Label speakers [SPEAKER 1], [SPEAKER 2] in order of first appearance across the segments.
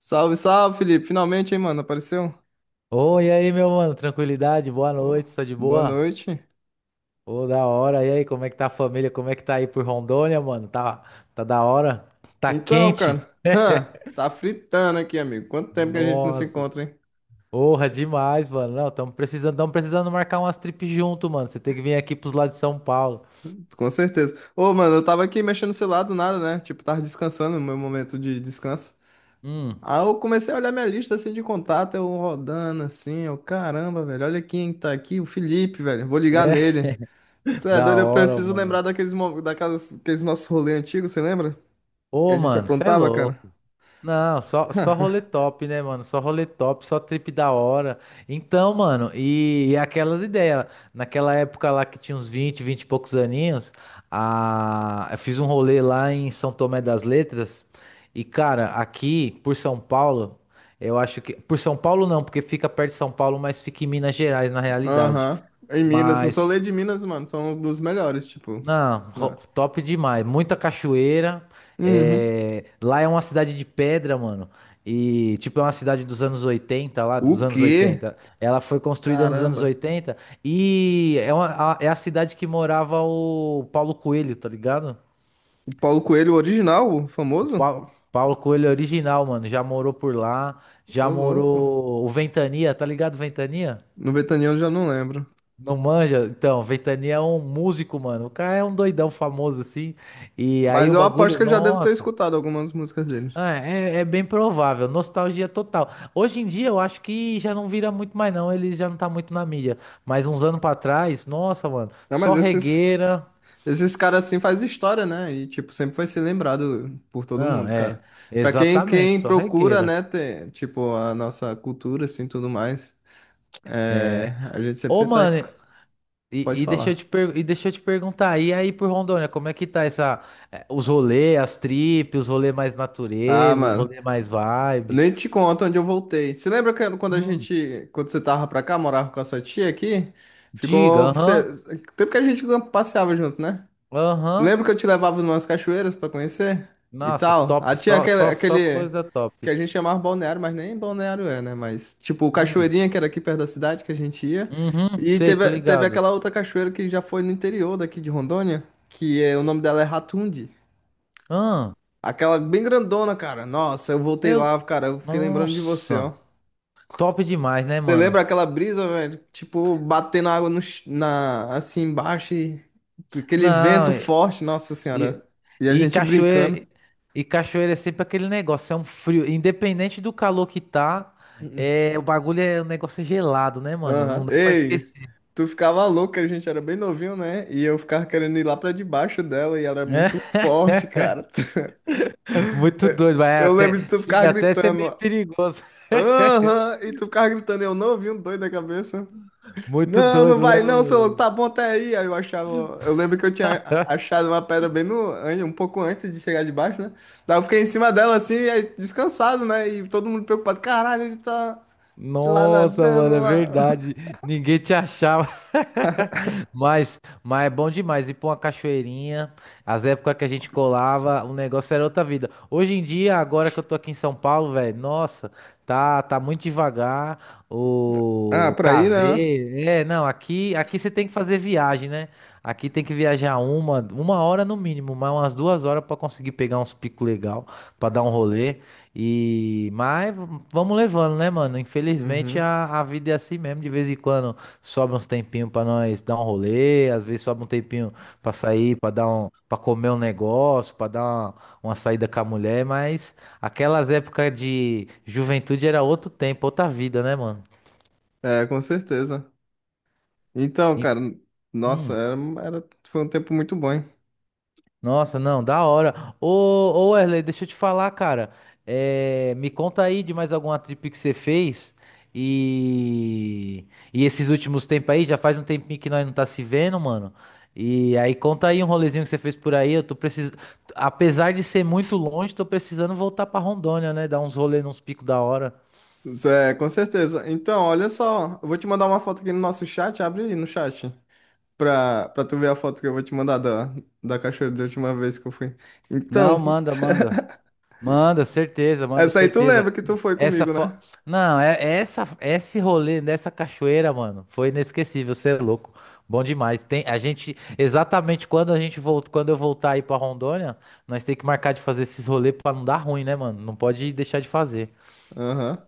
[SPEAKER 1] Salve, salve, Felipe. Finalmente, hein, mano? Apareceu?
[SPEAKER 2] Oi, e aí, meu mano, tranquilidade, boa
[SPEAKER 1] Ô,
[SPEAKER 2] noite, tá de
[SPEAKER 1] boa
[SPEAKER 2] boa?
[SPEAKER 1] noite.
[SPEAKER 2] Ô, da hora, e aí, como é que tá a família, como é que tá aí por Rondônia, mano? Tá, tá da hora? Tá
[SPEAKER 1] Então,
[SPEAKER 2] quente?
[SPEAKER 1] cara, tá fritando aqui, amigo. Quanto tempo que a gente não se
[SPEAKER 2] Nossa,
[SPEAKER 1] encontra, hein?
[SPEAKER 2] porra, demais, mano, não, tamo precisando marcar umas trips junto, mano, você tem que vir aqui pros lados de São Paulo.
[SPEAKER 1] Com certeza. Ô, mano, eu tava aqui mexendo no celular do nada, né? Tipo, tava descansando no meu momento de descanso.
[SPEAKER 2] Hum,
[SPEAKER 1] Aí eu comecei a olhar minha lista assim de contato, eu rodando assim, eu, caramba, velho, olha quem tá aqui, o Felipe, velho. Vou ligar
[SPEAKER 2] é,
[SPEAKER 1] nele. Tu é
[SPEAKER 2] da
[SPEAKER 1] doido, eu
[SPEAKER 2] hora,
[SPEAKER 1] preciso lembrar
[SPEAKER 2] mano.
[SPEAKER 1] daqueles nossos rolês antigos, você lembra? Que a
[SPEAKER 2] Ô,
[SPEAKER 1] gente
[SPEAKER 2] mano, cê é
[SPEAKER 1] aprontava,
[SPEAKER 2] louco.
[SPEAKER 1] cara.
[SPEAKER 2] Não, só rolê top, né, mano? Só rolê top, só trip da hora. Então, mano, e aquelas ideias. Naquela época lá que tinha uns 20, 20 e poucos aninhos, a, eu fiz um rolê lá em São Tomé das Letras. E, cara, aqui por São Paulo, eu acho que. Por São Paulo não, porque fica perto de São Paulo, mas fica em Minas Gerais, na realidade.
[SPEAKER 1] Aham. Em Minas, eu
[SPEAKER 2] Mas
[SPEAKER 1] sou lei de Minas, mano. São um dos melhores, tipo.
[SPEAKER 2] não,
[SPEAKER 1] Né?
[SPEAKER 2] top demais. Muita cachoeira.
[SPEAKER 1] Uhum.
[SPEAKER 2] É, lá é uma cidade de pedra, mano. E, tipo, é uma cidade dos anos 80 lá dos
[SPEAKER 1] O
[SPEAKER 2] anos
[SPEAKER 1] quê?
[SPEAKER 2] 80. Ela foi construída nos anos
[SPEAKER 1] Caramba.
[SPEAKER 2] 80 e é a cidade que morava o Paulo Coelho, tá ligado?
[SPEAKER 1] O Paulo Coelho original, o
[SPEAKER 2] O
[SPEAKER 1] famoso?
[SPEAKER 2] Paulo Coelho é original, mano. Já morou por lá,
[SPEAKER 1] Ô,
[SPEAKER 2] já
[SPEAKER 1] louco.
[SPEAKER 2] morou o Ventania, tá ligado, Ventania?
[SPEAKER 1] No Betaniano eu já não lembro.
[SPEAKER 2] Não manja? Então, Ventania é um músico, mano. O cara é um doidão famoso, assim. E aí
[SPEAKER 1] Mas
[SPEAKER 2] o
[SPEAKER 1] eu aposto
[SPEAKER 2] bagulho,
[SPEAKER 1] que eu já devo ter
[SPEAKER 2] nossa.
[SPEAKER 1] escutado algumas músicas dele.
[SPEAKER 2] Ah, é, é bem provável, nostalgia total. Hoje em dia eu acho que já não vira muito mais não, ele já não tá muito na mídia. Mas uns anos pra trás, nossa, mano,
[SPEAKER 1] Não, mas
[SPEAKER 2] só
[SPEAKER 1] esses,
[SPEAKER 2] regueira.
[SPEAKER 1] esses caras assim faz história, né? E, tipo, sempre vai ser lembrado por todo
[SPEAKER 2] Não,
[SPEAKER 1] mundo,
[SPEAKER 2] é,
[SPEAKER 1] cara. Pra quem,
[SPEAKER 2] exatamente,
[SPEAKER 1] quem
[SPEAKER 2] só
[SPEAKER 1] procura,
[SPEAKER 2] regueira.
[SPEAKER 1] né, ter, tipo, a nossa cultura, assim, tudo mais, é,
[SPEAKER 2] É.
[SPEAKER 1] a gente sempre
[SPEAKER 2] Ô,
[SPEAKER 1] tenta...
[SPEAKER 2] mano,
[SPEAKER 1] Pode falar.
[SPEAKER 2] e deixa eu te perguntar, e aí por Rondônia, como é que tá essa, os rolê, as tripes, os rolê mais
[SPEAKER 1] Ah,
[SPEAKER 2] natureza, os
[SPEAKER 1] mano.
[SPEAKER 2] rolê mais vibe?
[SPEAKER 1] Nem te conto onde eu voltei. Você lembra que
[SPEAKER 2] Hum,
[SPEAKER 1] quando você tava pra cá, morava com a sua tia aqui?
[SPEAKER 2] diga,
[SPEAKER 1] Ficou, você,
[SPEAKER 2] aham,
[SPEAKER 1] tempo que a gente passeava junto, né?
[SPEAKER 2] aham.
[SPEAKER 1] Lembra que eu te levava numas cachoeiras pra conhecer e
[SPEAKER 2] Nossa,
[SPEAKER 1] tal?
[SPEAKER 2] top,
[SPEAKER 1] Ah, tinha aquele,
[SPEAKER 2] só
[SPEAKER 1] aquele
[SPEAKER 2] coisa
[SPEAKER 1] que
[SPEAKER 2] top.
[SPEAKER 1] a gente chamava balneário, mas nem balneário é, né? Mas tipo,
[SPEAKER 2] Hum.
[SPEAKER 1] cachoeirinha que era aqui perto da cidade que a gente ia.
[SPEAKER 2] Uhum,
[SPEAKER 1] E
[SPEAKER 2] sei, tô
[SPEAKER 1] teve
[SPEAKER 2] ligado.
[SPEAKER 1] aquela outra cachoeira que já foi no interior daqui de Rondônia, que é, o nome dela é Ratundi.
[SPEAKER 2] Ah,
[SPEAKER 1] Aquela bem grandona, cara. Nossa, eu voltei
[SPEAKER 2] eu.
[SPEAKER 1] lá, cara. Eu fiquei lembrando de você, ó.
[SPEAKER 2] Nossa, top demais, né,
[SPEAKER 1] Você lembra
[SPEAKER 2] mano?
[SPEAKER 1] aquela brisa, velho? Tipo, batendo água no, ch- na, assim embaixo e aquele
[SPEAKER 2] Não,
[SPEAKER 1] vento forte, nossa
[SPEAKER 2] e-
[SPEAKER 1] senhora. E a
[SPEAKER 2] e
[SPEAKER 1] gente brincando.
[SPEAKER 2] cachoeira. E cachoeira é sempre aquele negócio, é um frio. Independente do calor que tá, é, o bagulho é. O negócio é gelado, né, mano?
[SPEAKER 1] Aham.
[SPEAKER 2] Não dá pra
[SPEAKER 1] Ei,
[SPEAKER 2] esquecer.
[SPEAKER 1] tu ficava louco, a gente era bem novinho, né? E eu ficava querendo ir lá pra debaixo dela e era
[SPEAKER 2] É
[SPEAKER 1] muito forte, cara.
[SPEAKER 2] muito doido, vai
[SPEAKER 1] Eu
[SPEAKER 2] até.
[SPEAKER 1] lembro de tu ficar
[SPEAKER 2] Chega até a ser meio
[SPEAKER 1] gritando.
[SPEAKER 2] perigoso.
[SPEAKER 1] Aham, e tu ficava gritando, eu não ouvi um doido da cabeça.
[SPEAKER 2] Muito
[SPEAKER 1] Não, não
[SPEAKER 2] doido, né,
[SPEAKER 1] vai não, seu louco,
[SPEAKER 2] mano?
[SPEAKER 1] tá bom até aí. Aí eu achava. Eu lembro que eu tinha achado uma pedra bem no. Um pouco antes de chegar debaixo, né? Daí eu fiquei em cima dela assim, e aí, descansado, né? E todo mundo preocupado. Caralho, ele tá lá
[SPEAKER 2] Nossa,
[SPEAKER 1] nadando
[SPEAKER 2] mano, é
[SPEAKER 1] lá.
[SPEAKER 2] verdade. Ninguém te achava. Mas é bom demais ir pra uma cachoeirinha. As épocas que a gente colava, o negócio era outra vida. Hoje em dia, agora que eu tô aqui em São Paulo, velho, nossa, tá muito devagar.
[SPEAKER 1] Ah,
[SPEAKER 2] O
[SPEAKER 1] pra ir, né?
[SPEAKER 2] casei. É, não, aqui você tem que fazer viagem, né? Aqui tem que viajar uma hora no mínimo, mas umas duas horas pra conseguir pegar uns picos legal, pra dar um rolê. Mas vamos levando, né, mano? Infelizmente
[SPEAKER 1] Uhum.
[SPEAKER 2] a vida é assim mesmo. De vez em quando sobra uns tempinhos pra nós dar um rolê, às vezes sobra um tempinho pra sair, para comer um negócio, uma saída com a mulher. Mas aquelas épocas de juventude era outro tempo, outra vida, né, mano?
[SPEAKER 1] É, com certeza. Então,
[SPEAKER 2] E-
[SPEAKER 1] cara, nossa,
[SPEAKER 2] hum.
[SPEAKER 1] foi um tempo muito bom, hein?
[SPEAKER 2] Nossa, não, da hora. Ô, ô Wesley, deixa eu te falar, cara. É, me conta aí de mais alguma trip que você fez. E, e esses últimos tempos aí, já faz um tempinho que nós não tá se vendo, mano. E aí conta aí um rolezinho que você fez por aí. Eu tô precisando. Apesar de ser muito longe, tô precisando voltar pra Rondônia, né? Dar uns rolê nos picos da hora.
[SPEAKER 1] Zé, com certeza. Então, olha só, eu vou te mandar uma foto aqui no nosso chat, abre aí no chat. Pra tu ver a foto que eu vou te mandar da cachoeira da última vez que eu fui. Então,
[SPEAKER 2] Não, manda, manda. Manda, certeza, manda,
[SPEAKER 1] essa aí tu
[SPEAKER 2] certeza.
[SPEAKER 1] lembra que tu foi
[SPEAKER 2] Essa
[SPEAKER 1] comigo,
[SPEAKER 2] fo...
[SPEAKER 1] né?
[SPEAKER 2] Não, é, essa é esse rolê dessa cachoeira, mano, foi inesquecível, você é louco. Bom demais. Tem a gente exatamente quando a gente volta, quando eu voltar aí pra Rondônia, nós tem que marcar de fazer esses rolês pra não dar ruim, né, mano? Não pode deixar de fazer.
[SPEAKER 1] Aham.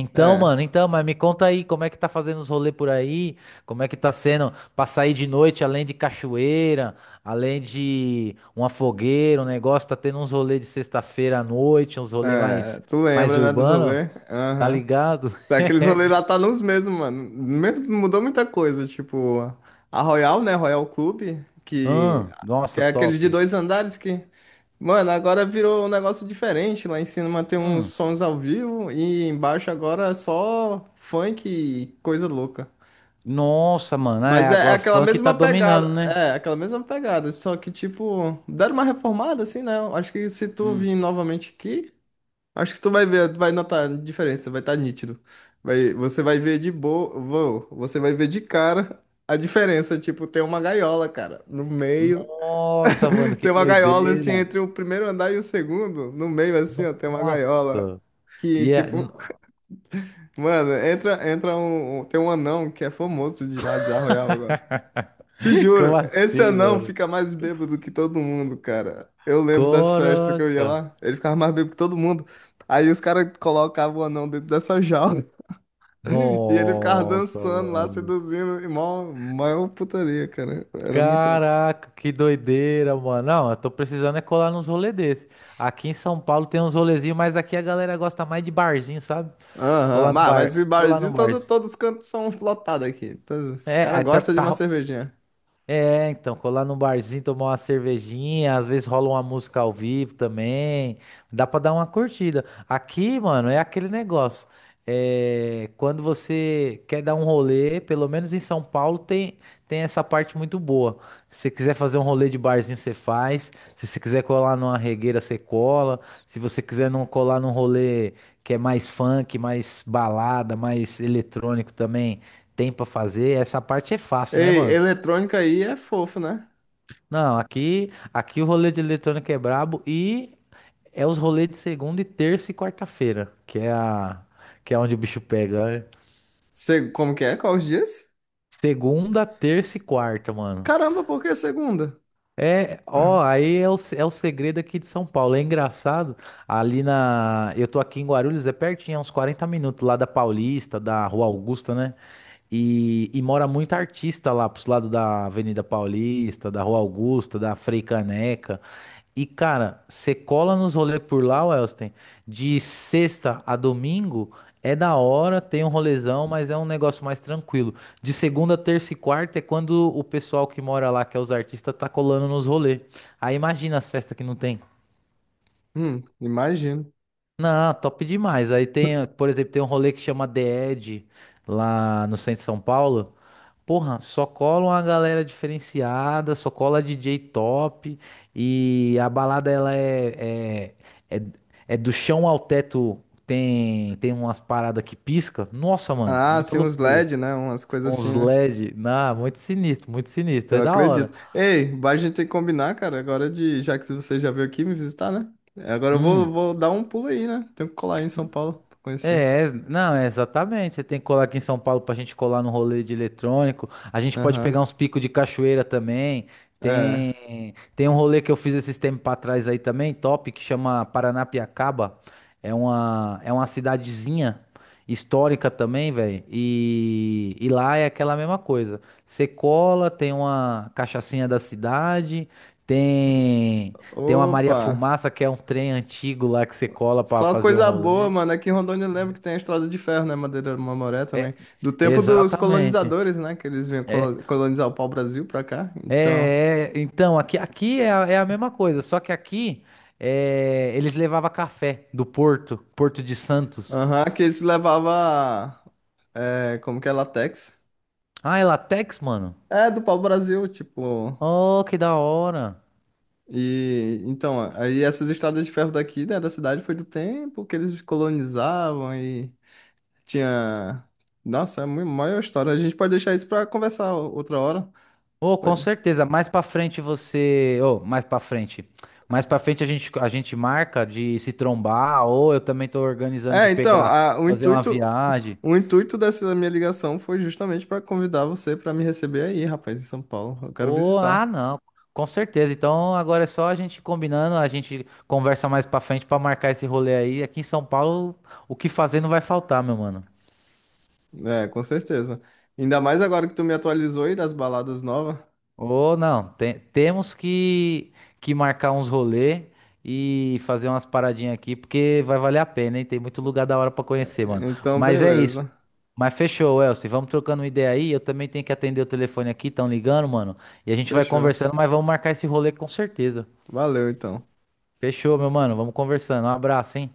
[SPEAKER 1] É.
[SPEAKER 2] Mas me conta aí, como é que tá fazendo os rolês por aí? Como é que tá sendo pra sair de noite, além de cachoeira, além de uma fogueira, um negócio, tá tendo uns rolês de sexta-feira à noite, uns rolês
[SPEAKER 1] É.
[SPEAKER 2] mais
[SPEAKER 1] Tu
[SPEAKER 2] mais
[SPEAKER 1] lembra, né, dos
[SPEAKER 2] urbano?
[SPEAKER 1] rolês?
[SPEAKER 2] Tá
[SPEAKER 1] Aham.
[SPEAKER 2] ligado?
[SPEAKER 1] É, aqueles rolês lá tá nos mesmos, mano. Me- mudou muita coisa. Tipo, a Royal, né? Royal Club, que, que
[SPEAKER 2] Nossa,
[SPEAKER 1] é aquele
[SPEAKER 2] top.
[SPEAKER 1] de dois andares que. Mano, agora virou um negócio diferente. Lá em cima tem uns
[SPEAKER 2] Hum,
[SPEAKER 1] sons ao vivo e embaixo agora é só funk e coisa louca.
[SPEAKER 2] nossa, mano. É,
[SPEAKER 1] Mas é, é
[SPEAKER 2] agora
[SPEAKER 1] aquela
[SPEAKER 2] funk tá
[SPEAKER 1] mesma pegada.
[SPEAKER 2] dominando, né?
[SPEAKER 1] É, aquela mesma pegada. Só que, tipo, deram uma reformada, assim, né? Eu acho que se tu
[SPEAKER 2] Hum,
[SPEAKER 1] vir novamente aqui, acho que tu vai ver, vai notar a diferença, vai estar nítido. Vai, você vai ver de boa. Você vai ver de cara a diferença. Tipo, tem uma gaiola, cara, no meio.
[SPEAKER 2] nossa, mano, que
[SPEAKER 1] Tem uma gaiola,
[SPEAKER 2] doideira.
[SPEAKER 1] assim, entre o primeiro andar e o segundo. No meio, assim, ó, tem uma gaiola.
[SPEAKER 2] Nossa.
[SPEAKER 1] Que,
[SPEAKER 2] E é-
[SPEAKER 1] tipo, mano, tem um anão que é famoso de lá de Arroial agora. Te
[SPEAKER 2] Como
[SPEAKER 1] juro, esse
[SPEAKER 2] assim,
[SPEAKER 1] anão
[SPEAKER 2] mano?
[SPEAKER 1] fica mais bêbado que todo mundo, cara. Eu lembro das festas que eu ia
[SPEAKER 2] Caraca.
[SPEAKER 1] lá, ele ficava mais bêbado que todo mundo. Aí os caras colocavam o anão dentro dessa jaula e ele ficava
[SPEAKER 2] Nossa,
[SPEAKER 1] dançando lá,
[SPEAKER 2] mano.
[SPEAKER 1] seduzindo, e mó, mó putaria, cara. Era muita.
[SPEAKER 2] Caraca, que doideira, mano. Não, eu tô precisando é colar nos rolês desse. Aqui em São Paulo tem uns rolezinhos, mas aqui a galera gosta mais de barzinho, sabe?
[SPEAKER 1] Aham,
[SPEAKER 2] Colar no
[SPEAKER 1] Mas,
[SPEAKER 2] bar,
[SPEAKER 1] mas o
[SPEAKER 2] colar no
[SPEAKER 1] barzinho,
[SPEAKER 2] bar.
[SPEAKER 1] todos os cantos são lotados aqui. Todos- os
[SPEAKER 2] É,
[SPEAKER 1] caras
[SPEAKER 2] aí tá,
[SPEAKER 1] gostam de
[SPEAKER 2] tá,
[SPEAKER 1] uma cervejinha.
[SPEAKER 2] É, então, colar num barzinho, tomar uma cervejinha, às vezes rola uma música ao vivo também, dá pra dar uma curtida. Aqui, mano, é aquele negócio. É, quando você quer dar um rolê, pelo menos em São Paulo tem essa parte muito boa. Se você quiser fazer um rolê de barzinho, você faz. Se você quiser colar numa regueira, você cola. Se você quiser não colar num rolê que é mais funk, mais balada, mais eletrônico também, tem pra fazer. Essa parte é fácil, né,
[SPEAKER 1] Ei,
[SPEAKER 2] mano?
[SPEAKER 1] eletrônica aí é fofo, né?
[SPEAKER 2] Não, aqui o rolê de eletrônica é brabo e é os rolês de segunda e terça e quarta-feira, que é onde o bicho pega, né?
[SPEAKER 1] Se- como que é? Quais os dias?
[SPEAKER 2] Segunda, terça e quarta, mano.
[SPEAKER 1] Caramba, por que segunda?
[SPEAKER 2] É, ó, aí é é o segredo aqui de São Paulo. É engraçado, ali na. Eu tô aqui em Guarulhos, é pertinho, é uns 40 minutos lá da Paulista, da Rua Augusta, né? E mora muito artista lá pros lados da Avenida Paulista, da Rua Augusta, da Frei Caneca. E, cara, você cola nos rolês por lá, Wellston, de sexta a domingo é da hora, tem um rolezão, mas é um negócio mais tranquilo. De segunda, terça e quarta é quando o pessoal que mora lá, que é os artistas, tá colando nos rolês. Aí imagina as festas que não tem.
[SPEAKER 1] Imagino.
[SPEAKER 2] Não, top demais. Aí tem, por exemplo, tem um rolê que chama The Edge, lá no centro de São Paulo. Porra, só cola uma galera diferenciada, só cola DJ top e a balada ela é, é, é, é do chão ao teto, tem umas paradas que pisca. Nossa, mano,
[SPEAKER 1] Ah,
[SPEAKER 2] muita
[SPEAKER 1] sim, uns
[SPEAKER 2] loucura.
[SPEAKER 1] LED, né? Umas coisas assim,
[SPEAKER 2] Uns
[SPEAKER 1] né?
[SPEAKER 2] LED, na muito sinistro,
[SPEAKER 1] Eu
[SPEAKER 2] é da hora.
[SPEAKER 1] acredito. Ei, vai, a gente tem que combinar, cara, agora de, já que você já veio aqui me visitar, né? É, agora
[SPEAKER 2] Hum.
[SPEAKER 1] vou dar um pulo aí, né? Tenho que colar aí em São Paulo pra conhecer.
[SPEAKER 2] É, ex- não, é exatamente. Você tem que colar aqui em São Paulo pra gente colar no rolê de eletrônico. A gente pode
[SPEAKER 1] Aham.
[SPEAKER 2] pegar uns picos de cachoeira também.
[SPEAKER 1] É.
[SPEAKER 2] Tem um rolê que eu fiz esses tempos pra trás aí também, top, que chama Paranapiacaba. É uma cidadezinha histórica também, velho. E lá é aquela mesma coisa. Você cola, tem uma cachaçinha da cidade, tem, tem uma Maria
[SPEAKER 1] Opa!
[SPEAKER 2] Fumaça, que é um trem antigo lá que você cola pra
[SPEAKER 1] Só
[SPEAKER 2] fazer um
[SPEAKER 1] coisa boa,
[SPEAKER 2] rolê.
[SPEAKER 1] mano. Aqui em Rondônia eu lembro que tem a Estrada de Ferro, né? Madeira do Mamoré também. Do tempo dos
[SPEAKER 2] Exatamente.
[SPEAKER 1] colonizadores, né? Que eles vinham
[SPEAKER 2] É,
[SPEAKER 1] colo- colonizar o pau-brasil pra cá. Então.
[SPEAKER 2] então, aqui é a mesma coisa, só que aqui é, eles levavam café do Porto de Santos.
[SPEAKER 1] Aham, que eles levavam. É, como que é? Latex.
[SPEAKER 2] Ah, é Latex, mano?
[SPEAKER 1] É, do pau-brasil, tipo.
[SPEAKER 2] Oh, que da hora.
[SPEAKER 1] E então, aí essas estradas de ferro daqui, né, da cidade foi do tempo que eles colonizavam e tinha. Nossa, é uma maior história. A gente pode deixar isso para conversar outra hora.
[SPEAKER 2] Oh, com
[SPEAKER 1] Pode.
[SPEAKER 2] certeza, mais pra frente você... Oh, mais pra frente. Mais pra frente a gente marca de se trombar, ou eu também tô organizando
[SPEAKER 1] É,
[SPEAKER 2] de
[SPEAKER 1] então,
[SPEAKER 2] pegar, fazer uma viagem.
[SPEAKER 1] o intuito dessa minha ligação foi justamente para convidar você para me receber aí, rapaz, em São Paulo. Eu quero
[SPEAKER 2] Oh, ah,
[SPEAKER 1] visitar.
[SPEAKER 2] não, com certeza. Então agora é só a gente combinando, a gente conversa mais pra frente pra marcar esse rolê aí. Aqui em São Paulo, o que fazer não vai faltar, meu mano.
[SPEAKER 1] É, com certeza. Ainda mais agora que tu me atualizou aí das baladas novas.
[SPEAKER 2] Ô, não, te- temos que marcar uns rolê e fazer umas paradinhas aqui, porque vai valer a pena, hein? Tem muito lugar da hora pra conhecer, mano.
[SPEAKER 1] Então,
[SPEAKER 2] Mas é isso.
[SPEAKER 1] beleza.
[SPEAKER 2] Mas fechou, Elcio. Vamos trocando uma ideia aí. Eu também tenho que atender o telefone aqui, estão ligando, mano. E a gente vai
[SPEAKER 1] Fechou.
[SPEAKER 2] conversando, mas vamos marcar esse rolê com certeza.
[SPEAKER 1] Valeu, então.
[SPEAKER 2] Fechou, meu mano. Vamos conversando. Um abraço, hein?